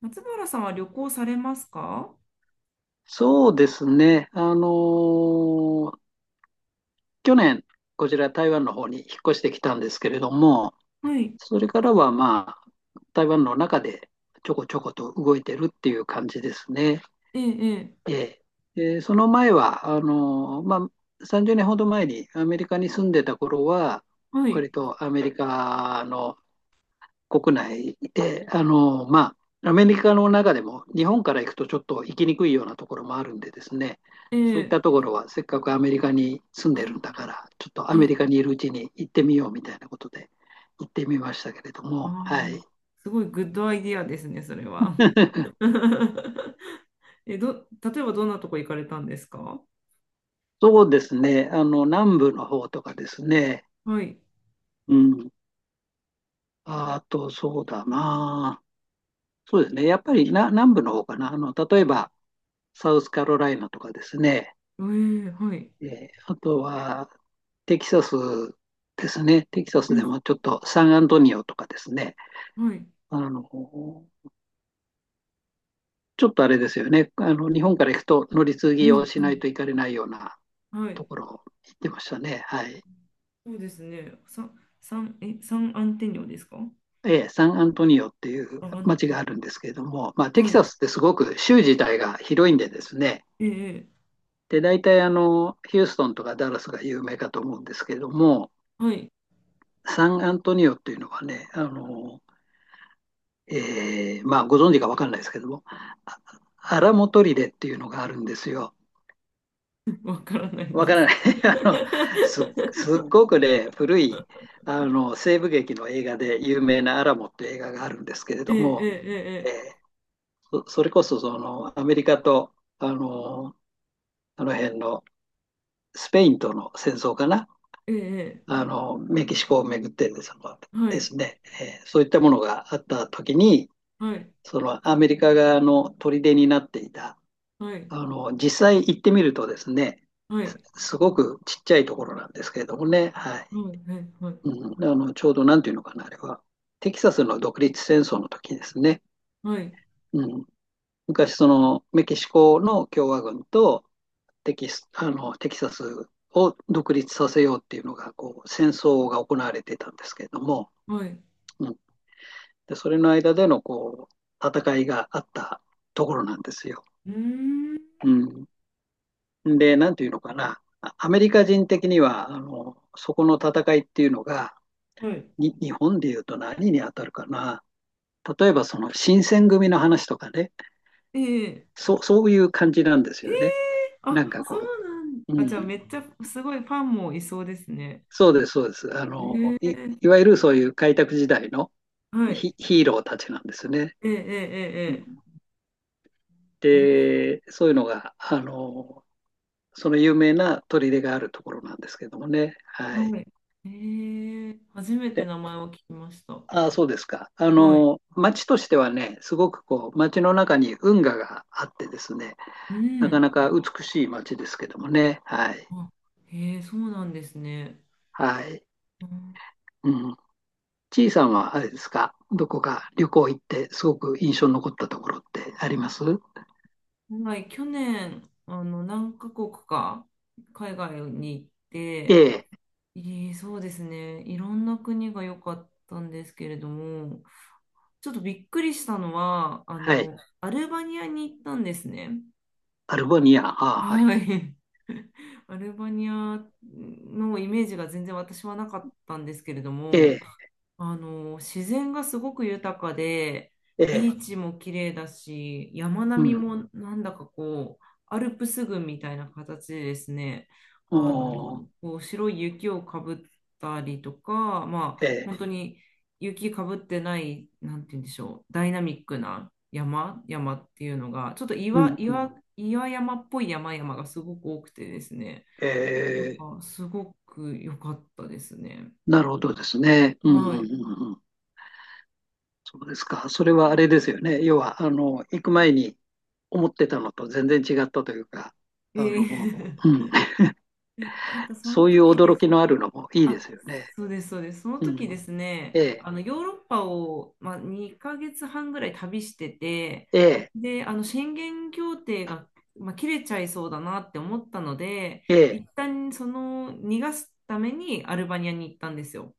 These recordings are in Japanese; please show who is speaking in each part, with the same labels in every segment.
Speaker 1: 松原さんは旅行されますか？
Speaker 2: そうですね。ー去年、こちら台湾の方に引っ越してきたんですけれども、
Speaker 1: はい。
Speaker 2: それからは台湾の中でちょこちょこと動いてるっていう感じですね。
Speaker 1: ええ、ええ、
Speaker 2: ええ。でその前は、30年ほど前にアメリカに住んでた頃は、
Speaker 1: は
Speaker 2: 割
Speaker 1: い。
Speaker 2: とアメリカの国内で、アメリカの中でも日本から行くとちょっと行きにくいようなところもあるんでですね、
Speaker 1: え
Speaker 2: そういっ
Speaker 1: え、
Speaker 2: たところはせっかくアメリカに住ん
Speaker 1: あ
Speaker 2: でるんだか
Speaker 1: あ、
Speaker 2: ら、ちょっとア
Speaker 1: え
Speaker 2: メ
Speaker 1: え、
Speaker 2: リカにいるうちに行ってみようみたいなことで行ってみましたけれど
Speaker 1: あ
Speaker 2: も、
Speaker 1: あ、
Speaker 2: はい。
Speaker 1: すごいグッドアイディアですね、それは。例えばどんなとこ行かれたんですか？
Speaker 2: そうですね、南部の方とかですね、
Speaker 1: はい。
Speaker 2: うん。あと、そうだな。そうですね、やっぱりな南部の方かな。例えば、サウスカロライナとかですね、
Speaker 1: ええ、はい。
Speaker 2: あとは、テキサスですね。テキサス
Speaker 1: う
Speaker 2: で
Speaker 1: ん、
Speaker 2: もちょっとサンアントニオとかですね。
Speaker 1: はい。
Speaker 2: あの、ちょっとあれですよね。日本から行くと乗り継
Speaker 1: う
Speaker 2: ぎを
Speaker 1: ん、
Speaker 2: し
Speaker 1: う
Speaker 2: ない
Speaker 1: ん、
Speaker 2: といかれないような
Speaker 1: は
Speaker 2: と
Speaker 1: い。
Speaker 2: ころ行ってましたね。はい。
Speaker 1: そうですね。さ、サン、え、サンアンテニオですか？
Speaker 2: ええ、サンアントニオっていう
Speaker 1: あ、アン
Speaker 2: 街
Speaker 1: テニ
Speaker 2: があるんですけれども、まあ、
Speaker 1: オ、
Speaker 2: テキ
Speaker 1: はい。
Speaker 2: サスってすごく州自体が広いんでですね。
Speaker 1: ええ、ええ、
Speaker 2: で、大体ヒューストンとかダラスが有名かと思うんですけれども、
Speaker 1: はい。
Speaker 2: サンアントニオっていうのはね、まあ、ご存知か分かんないですけども、あアラモトリレっていうのがあるんですよ。
Speaker 1: わからない
Speaker 2: わ
Speaker 1: で
Speaker 2: から
Speaker 1: す。
Speaker 2: ない。あのす、すっごくね、古いあの西部劇の映画で有名なアラモっていう映画があるんですけれ
Speaker 1: え
Speaker 2: ど
Speaker 1: え、
Speaker 2: も、
Speaker 1: え
Speaker 2: え
Speaker 1: え、
Speaker 2: ーそれこそそのアメリカとあのあの辺のスペインとの戦争かな、
Speaker 1: ええ、ええ。ええ、
Speaker 2: あのメキシコをめぐって
Speaker 1: は
Speaker 2: で
Speaker 1: い、
Speaker 2: すね、そういったものがあった時に、
Speaker 1: はい、
Speaker 2: そのアメリカ側の砦になっていた
Speaker 1: はい、
Speaker 2: 実際行ってみるとですね、
Speaker 1: はい、
Speaker 2: すすごくちっちゃいところなんですけれどもね、はい。
Speaker 1: はい、はい、はい、
Speaker 2: うん、ちょうどなんていうのかな、あれは。テキサスの独立戦争の時ですね。
Speaker 1: はい、
Speaker 2: うん、昔、その、メキシコの共和軍とテキサスを独立させようっていうのが、こう、戦争が行われてたんですけれども、
Speaker 1: はい、
Speaker 2: うん、で、それの間での、こう、戦いがあったところなんですよ。
Speaker 1: うーん、
Speaker 2: うん、で、なんていうのかな、アメリカ人的には、そこの戦いっていうのが、
Speaker 1: はい、
Speaker 2: 日本でいうと何に当たるかな。例えばその新選組の話とかね、
Speaker 1: ええ、
Speaker 2: そう、そういう感じなんです
Speaker 1: え
Speaker 2: よね。
Speaker 1: え、
Speaker 2: なん
Speaker 1: あ、
Speaker 2: か
Speaker 1: そう
Speaker 2: こ
Speaker 1: なんだ
Speaker 2: う、う
Speaker 1: あ、じゃあ
Speaker 2: ん、
Speaker 1: めっちゃすごいファンもいそうですね。
Speaker 2: そうです、そうです。
Speaker 1: ええ、
Speaker 2: いわゆるそういう開拓時代の
Speaker 1: はい、
Speaker 2: ヒーローたちなんですね。
Speaker 1: ええ、ええ、
Speaker 2: うん、
Speaker 1: ええ、なるほど、
Speaker 2: で、そういうのが、その有名な砦があるところなんですけどもね。はい。
Speaker 1: はい、ええ、初めて名前を聞きました。
Speaker 2: ああ、そうですか。
Speaker 1: はい、
Speaker 2: 町としてはね、すごくこう、町の中に運河があってですね、
Speaker 1: う
Speaker 2: なか
Speaker 1: ん、
Speaker 2: なか美しい町ですけどもね。はい。
Speaker 1: あ、ええ、そうなんですね。
Speaker 2: はい。
Speaker 1: うん、
Speaker 2: うん。ちいさんはあれですか、どこか旅行行って、すごく印象に残ったところってあります？
Speaker 1: はい、去年、何カ国か海外に行っ
Speaker 2: え
Speaker 1: て、
Speaker 2: え、
Speaker 1: ええ、そうですね。いろんな国が良かったんですけれども、ちょっとびっくりしたのは、
Speaker 2: はい。
Speaker 1: アルバニアに行ったんですね。
Speaker 2: アルバニア、あ あ、はい。
Speaker 1: はい。アルバニアのイメージが全然私はなかったんですけれど
Speaker 2: え
Speaker 1: も、
Speaker 2: え、
Speaker 1: 自然がすごく豊かで、
Speaker 2: え
Speaker 1: ビ
Speaker 2: え、
Speaker 1: ーチも綺麗だし、山
Speaker 2: う
Speaker 1: 並み
Speaker 2: ん。
Speaker 1: もなんだかこう、アルプス群みたいな形でですね、
Speaker 2: お
Speaker 1: あの、
Speaker 2: ー、
Speaker 1: こう白い雪をかぶったりとか、ま
Speaker 2: え
Speaker 1: あ、本
Speaker 2: え、
Speaker 1: 当に雪かぶってない、なんて言うんでしょう、ダイナミックな山っていうのが、ちょっと
Speaker 2: うん、うん。
Speaker 1: 岩山っぽい山々がすごく多くてですね、
Speaker 2: え
Speaker 1: なん
Speaker 2: え、
Speaker 1: かすごく良かったですね。
Speaker 2: なるほどですね。うん、う
Speaker 1: は
Speaker 2: ん、う
Speaker 1: い。
Speaker 2: ん、うん。そうですか。それはあれですよね。要は、行く前に思ってたのと全然違ったというか、あの、
Speaker 1: え
Speaker 2: う
Speaker 1: え、
Speaker 2: ん、
Speaker 1: なんかそ
Speaker 2: そ
Speaker 1: の
Speaker 2: ういう
Speaker 1: 時で
Speaker 2: 驚
Speaker 1: す。
Speaker 2: きのあるのもいいで
Speaker 1: あ、
Speaker 2: すよね。
Speaker 1: そうです、そうです。その
Speaker 2: う
Speaker 1: 時で
Speaker 2: ん、
Speaker 1: すね、
Speaker 2: ええ、
Speaker 1: ヨーロッパを、まあ、2ヶ月半ぐらい旅してて、
Speaker 2: ええ、
Speaker 1: で、あの宣言協定が、まあ、切れちゃいそうだなって思ったので、
Speaker 2: ええ。
Speaker 1: 一旦その逃がすためにアルバニアに行ったんですよ。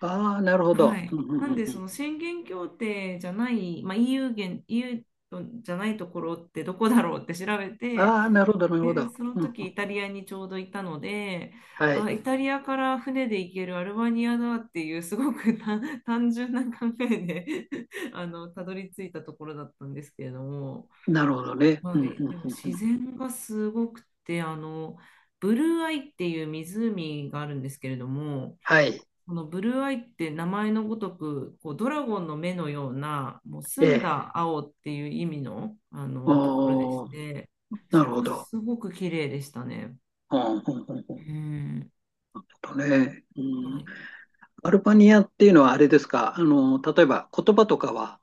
Speaker 2: ああ、なるほ
Speaker 1: は
Speaker 2: ど。
Speaker 1: い。
Speaker 2: うんう
Speaker 1: な
Speaker 2: ん
Speaker 1: ん
Speaker 2: うん
Speaker 1: で、
Speaker 2: う
Speaker 1: そ
Speaker 2: ん、
Speaker 1: の宣言協定じゃない、まあ、EU 圏、EU じゃないところってどこだろうって調べて、
Speaker 2: ああ、なるほど、なるほ
Speaker 1: で、
Speaker 2: ど。
Speaker 1: その
Speaker 2: うんう
Speaker 1: 時
Speaker 2: ん、
Speaker 1: イタリアにちょうどいたので、
Speaker 2: はい。
Speaker 1: あ、イタリアから船で行けるアルバニアだっていうすごく単純な考えで、 たどり着いたところだったんですけれども、
Speaker 2: なるほどね。うん
Speaker 1: は
Speaker 2: うん
Speaker 1: い、
Speaker 2: う
Speaker 1: で
Speaker 2: ん
Speaker 1: も
Speaker 2: う
Speaker 1: 自
Speaker 2: ん、
Speaker 1: 然がすごくて、ブルーアイっていう湖があるんですけれども、
Speaker 2: はい。
Speaker 1: このブルーアイって名前のごとく、こうドラゴンの目のような、もう
Speaker 2: え
Speaker 1: 澄ん
Speaker 2: え。
Speaker 1: だ青っていう意味のあのところでし
Speaker 2: おー、
Speaker 1: て、
Speaker 2: な
Speaker 1: そ
Speaker 2: るほ
Speaker 1: こ
Speaker 2: ど。
Speaker 1: すごく綺麗でしたね。
Speaker 2: うんうんうんう
Speaker 1: う
Speaker 2: ん、ち
Speaker 1: ん。
Speaker 2: ょっとね、う
Speaker 1: は
Speaker 2: ん、
Speaker 1: い、
Speaker 2: アルバニアっていうのはあれですか、例えば言葉とかは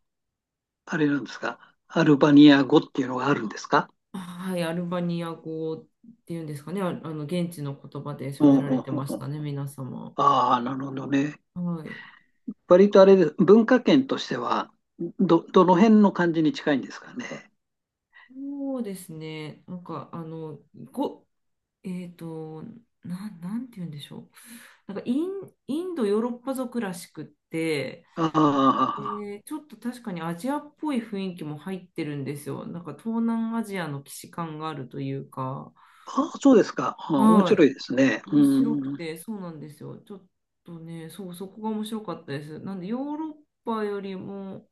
Speaker 2: あれなんですか？アルバニア語っていうのがあるんですか？
Speaker 1: はい、アルバニア語っていうんですかね、あ、あの現地の言葉で
Speaker 2: う
Speaker 1: 喋ら
Speaker 2: んう
Speaker 1: れ
Speaker 2: ん
Speaker 1: て
Speaker 2: う
Speaker 1: まし
Speaker 2: んうん。
Speaker 1: たね、皆様。
Speaker 2: ああ、なるほどね。
Speaker 1: はい、
Speaker 2: 割とあれです。文化圏としては、どの辺の感じに近いんですかね。
Speaker 1: そうですね、なんかあの、ご、えっと、な、なんて言うんでしょう、なんかインドヨーロッパ族らしくって、
Speaker 2: ああ、
Speaker 1: ちょっと確かにアジアっぽい雰囲気も入ってるんですよ。なんか東南アジアの既視感があるというか、
Speaker 2: ああそうですか。ああ、面
Speaker 1: は
Speaker 2: 白いで
Speaker 1: い、
Speaker 2: すね。う
Speaker 1: 面白く
Speaker 2: ん。
Speaker 1: て、そうなんですよ。ちょっとね、そう、そこが面白かったです。なんでヨーロッパよりも、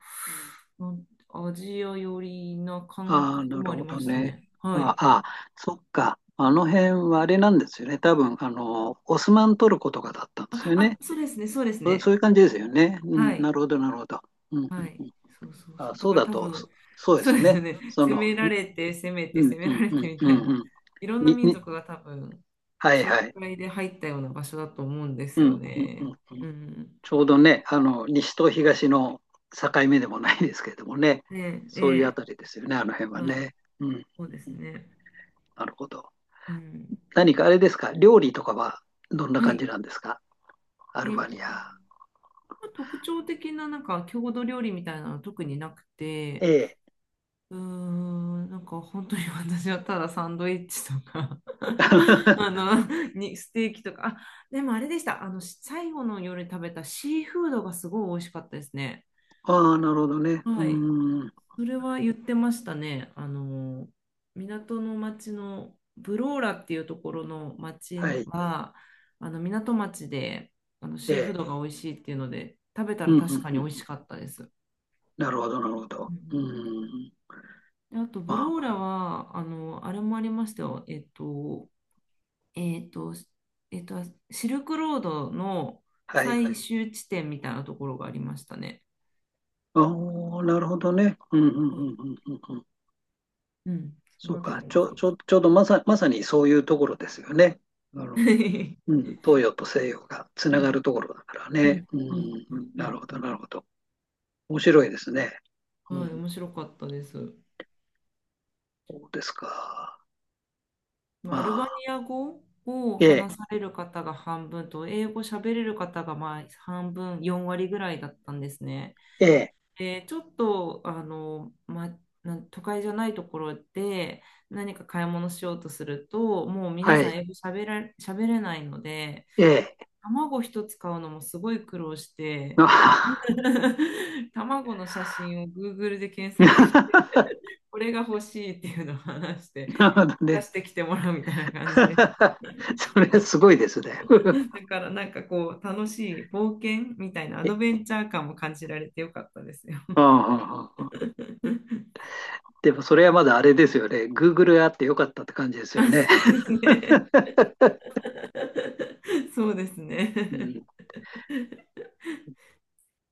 Speaker 1: アジア寄りな感
Speaker 2: ああ、
Speaker 1: 覚
Speaker 2: な
Speaker 1: も
Speaker 2: る
Speaker 1: あり
Speaker 2: ほ
Speaker 1: ま
Speaker 2: ど
Speaker 1: した
Speaker 2: ね。
Speaker 1: ね。は
Speaker 2: あ
Speaker 1: い。
Speaker 2: あ、ああそっか。あの辺はあれなんですよね。多分、オスマントルコとかだったんです
Speaker 1: あ、
Speaker 2: よ
Speaker 1: あ、
Speaker 2: ね。
Speaker 1: そうですね、そうです
Speaker 2: そう、そう
Speaker 1: ね。
Speaker 2: いう感じですよね。う
Speaker 1: は
Speaker 2: ん、
Speaker 1: い。
Speaker 2: なるほど、なるほど。うん、うん
Speaker 1: はい。
Speaker 2: うん、
Speaker 1: そうそう
Speaker 2: ああ、
Speaker 1: そう。だ
Speaker 2: そう
Speaker 1: から
Speaker 2: だ
Speaker 1: 多
Speaker 2: と、
Speaker 1: 分、
Speaker 2: そうで
Speaker 1: そう
Speaker 2: す
Speaker 1: ですよ
Speaker 2: ね。
Speaker 1: ね。
Speaker 2: そ
Speaker 1: 攻
Speaker 2: の、
Speaker 1: められて、攻めて、
Speaker 2: うん
Speaker 1: 攻め
Speaker 2: う
Speaker 1: ら
Speaker 2: ん
Speaker 1: れ
Speaker 2: う
Speaker 1: て
Speaker 2: ん
Speaker 1: み
Speaker 2: う
Speaker 1: たい
Speaker 2: んう
Speaker 1: な、
Speaker 2: ん。
Speaker 1: いろんな
Speaker 2: に、
Speaker 1: 民
Speaker 2: に、
Speaker 1: 族が多分、
Speaker 2: はい
Speaker 1: 仲
Speaker 2: はい。
Speaker 1: 介で入ったような場所だと思うんです
Speaker 2: う
Speaker 1: よ
Speaker 2: んうんうん
Speaker 1: ね。
Speaker 2: う
Speaker 1: う
Speaker 2: ん。
Speaker 1: ん。
Speaker 2: ちょうどね、西と東の境目でもないですけれどもね、
Speaker 1: ねえ、
Speaker 2: そういうあ
Speaker 1: え
Speaker 2: たりですよね、あの辺
Speaker 1: え、
Speaker 2: は
Speaker 1: はい。
Speaker 2: ね。うん。
Speaker 1: そうですね。
Speaker 2: なるほど。
Speaker 1: うん。
Speaker 2: 何かあれですか、料理とかはどんな
Speaker 1: は
Speaker 2: 感
Speaker 1: い。
Speaker 2: じなんですか、アルバニ
Speaker 1: ま
Speaker 2: ア。
Speaker 1: あ特徴的ななんか郷土料理みたいなのは特になく
Speaker 2: え
Speaker 1: て、
Speaker 2: え。
Speaker 1: うーん、なんか本当に私はただサンドイッチとか、 あ のにステーキとか、あ、でもあれでした、あの最後の夜食べたシーフードがすごい美味しかったですね。
Speaker 2: ああ、なるほどね。う
Speaker 1: はい。
Speaker 2: ーん。
Speaker 1: それは言ってましたね、あの港の町のブローラっていうところの
Speaker 2: は
Speaker 1: 町
Speaker 2: い。
Speaker 1: は、あの港町で、
Speaker 2: え
Speaker 1: シーフー
Speaker 2: え。
Speaker 1: ドが美味しいっていうので食べた
Speaker 2: う
Speaker 1: ら
Speaker 2: んう
Speaker 1: 確
Speaker 2: ん
Speaker 1: かに
Speaker 2: う
Speaker 1: 美味し
Speaker 2: ん。
Speaker 1: かったです。
Speaker 2: なるほど、なるほ
Speaker 1: う
Speaker 2: ど。
Speaker 1: ん、う
Speaker 2: う
Speaker 1: ん、
Speaker 2: ーん。
Speaker 1: で、あと、
Speaker 2: ま
Speaker 1: ブ
Speaker 2: あ、
Speaker 1: ローラは、あの、あれもありましたよ。えっと、えっと、シルクロードのは
Speaker 2: は
Speaker 1: 最
Speaker 2: い。
Speaker 1: い。終地点みたいなところがありましたね。
Speaker 2: ああ、なるほどね。うんうん
Speaker 1: はい。
Speaker 2: うんうんうん、
Speaker 1: うん。そ
Speaker 2: そ
Speaker 1: の
Speaker 2: う
Speaker 1: あたり
Speaker 2: か。
Speaker 1: も面白かった。
Speaker 2: ちょうどまさにそういうところですよね。あの、うん、東洋と西洋がつ
Speaker 1: う
Speaker 2: なが
Speaker 1: ん。
Speaker 2: るところだから
Speaker 1: う
Speaker 2: ね。
Speaker 1: ん。
Speaker 2: う
Speaker 1: うん。うん、
Speaker 2: ん、
Speaker 1: う
Speaker 2: なる
Speaker 1: ん、
Speaker 2: ほ
Speaker 1: う
Speaker 2: ど、
Speaker 1: ん、
Speaker 2: なるほど。面白いですね。う
Speaker 1: はい、
Speaker 2: ん、
Speaker 1: 面白かったです。
Speaker 2: そうですか。
Speaker 1: まあ
Speaker 2: ま
Speaker 1: アルバ
Speaker 2: あ、
Speaker 1: ニア語を
Speaker 2: え
Speaker 1: 話
Speaker 2: え、
Speaker 1: される方が半分と、英語喋れる方がまあ半分、4割ぐらいだったんですね。
Speaker 2: ええ、
Speaker 1: で、ちょっと、都会じゃないところで何か買い物しようとすると、もう皆
Speaker 2: は
Speaker 1: さん
Speaker 2: い、
Speaker 1: 英語喋れないので、
Speaker 2: ええ。
Speaker 1: 卵一つ買うのもすごい苦労して、
Speaker 2: あ。
Speaker 1: 卵の写真を Google で検索して、これが欲しいっていうのを話し
Speaker 2: なるほ
Speaker 1: て、
Speaker 2: ど
Speaker 1: 出
Speaker 2: ね。
Speaker 1: してきてもらうみたいな感じです。
Speaker 2: それすごいですね。
Speaker 1: だからなんかこう楽しい冒険みたいなアド
Speaker 2: え、
Speaker 1: ベンチャー感も感じられてよかったですよ。
Speaker 2: うんうんうんうん、 でもそれはまだあれですよね。Google があってよかったって感じですよ
Speaker 1: あ、
Speaker 2: ね。
Speaker 1: そうですね。そうです
Speaker 2: う
Speaker 1: ね。
Speaker 2: ん、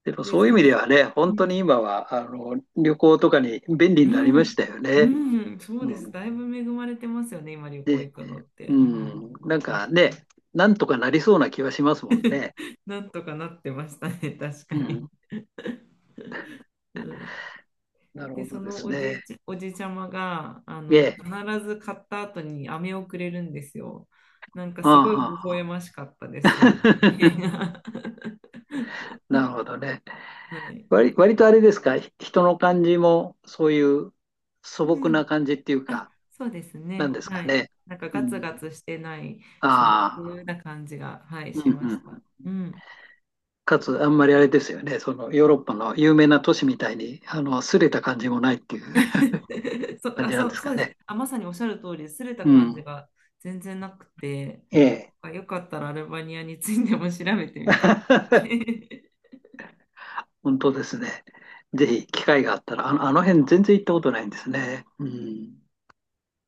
Speaker 2: でも
Speaker 1: で、
Speaker 2: そうい
Speaker 1: そ
Speaker 2: う意味
Speaker 1: の、
Speaker 2: ではね、
Speaker 1: う
Speaker 2: 本当
Speaker 1: ん、
Speaker 2: に今はあの旅行とかに便利
Speaker 1: う
Speaker 2: になりまし
Speaker 1: ん、
Speaker 2: たよね。
Speaker 1: うん、そう
Speaker 2: う
Speaker 1: です。
Speaker 2: ん、
Speaker 1: だいぶ恵まれてますよね、今旅行
Speaker 2: で、
Speaker 1: 行くのって。
Speaker 2: う
Speaker 1: うん、
Speaker 2: ん、なん
Speaker 1: う
Speaker 2: か
Speaker 1: ん、
Speaker 2: ね、なんとかなりそうな気はしますもんね。
Speaker 1: なんとかなってましたね、確か
Speaker 2: う
Speaker 1: に。
Speaker 2: ん、
Speaker 1: うん、
Speaker 2: なる
Speaker 1: で、
Speaker 2: ほ
Speaker 1: そ
Speaker 2: どで
Speaker 1: の
Speaker 2: すね。
Speaker 1: おじいちゃまが、
Speaker 2: ええ、
Speaker 1: 必ず買った後に飴をくれるんですよ。なんかすごい微笑
Speaker 2: あ
Speaker 1: ましかったで
Speaker 2: あ、
Speaker 1: す、そ の光景が。
Speaker 2: なるほどね。
Speaker 1: はい。
Speaker 2: 割とあれですか、人の感じもそういう素朴な感じっていう
Speaker 1: あ、
Speaker 2: か、
Speaker 1: そうです
Speaker 2: なん
Speaker 1: ね。
Speaker 2: です
Speaker 1: は
Speaker 2: か
Speaker 1: い。
Speaker 2: ね。
Speaker 1: なんか
Speaker 2: う
Speaker 1: ガツガ
Speaker 2: ん、
Speaker 1: ツしてない素朴
Speaker 2: ああ、
Speaker 1: な感じが、はい、
Speaker 2: うん、
Speaker 1: しま
Speaker 2: う
Speaker 1: した。
Speaker 2: ん、
Speaker 1: うん。
Speaker 2: かつあんまりあれですよね、そのヨーロッパの有名な都市みたいに、擦れた感じもないっていう。 感じなん
Speaker 1: そ
Speaker 2: で
Speaker 1: う、
Speaker 2: す
Speaker 1: そ
Speaker 2: か
Speaker 1: うです。
Speaker 2: ね。
Speaker 1: あ、まさにおっしゃる通り、擦れた
Speaker 2: う
Speaker 1: 感じ
Speaker 2: ん。
Speaker 1: が全然なくて、
Speaker 2: ええ。
Speaker 1: あ、よかったらアルバニアについても調べてみてくださ い。
Speaker 2: 本当ですね。ぜひ機会があったら、あの辺全然行ったことないんですね。うん。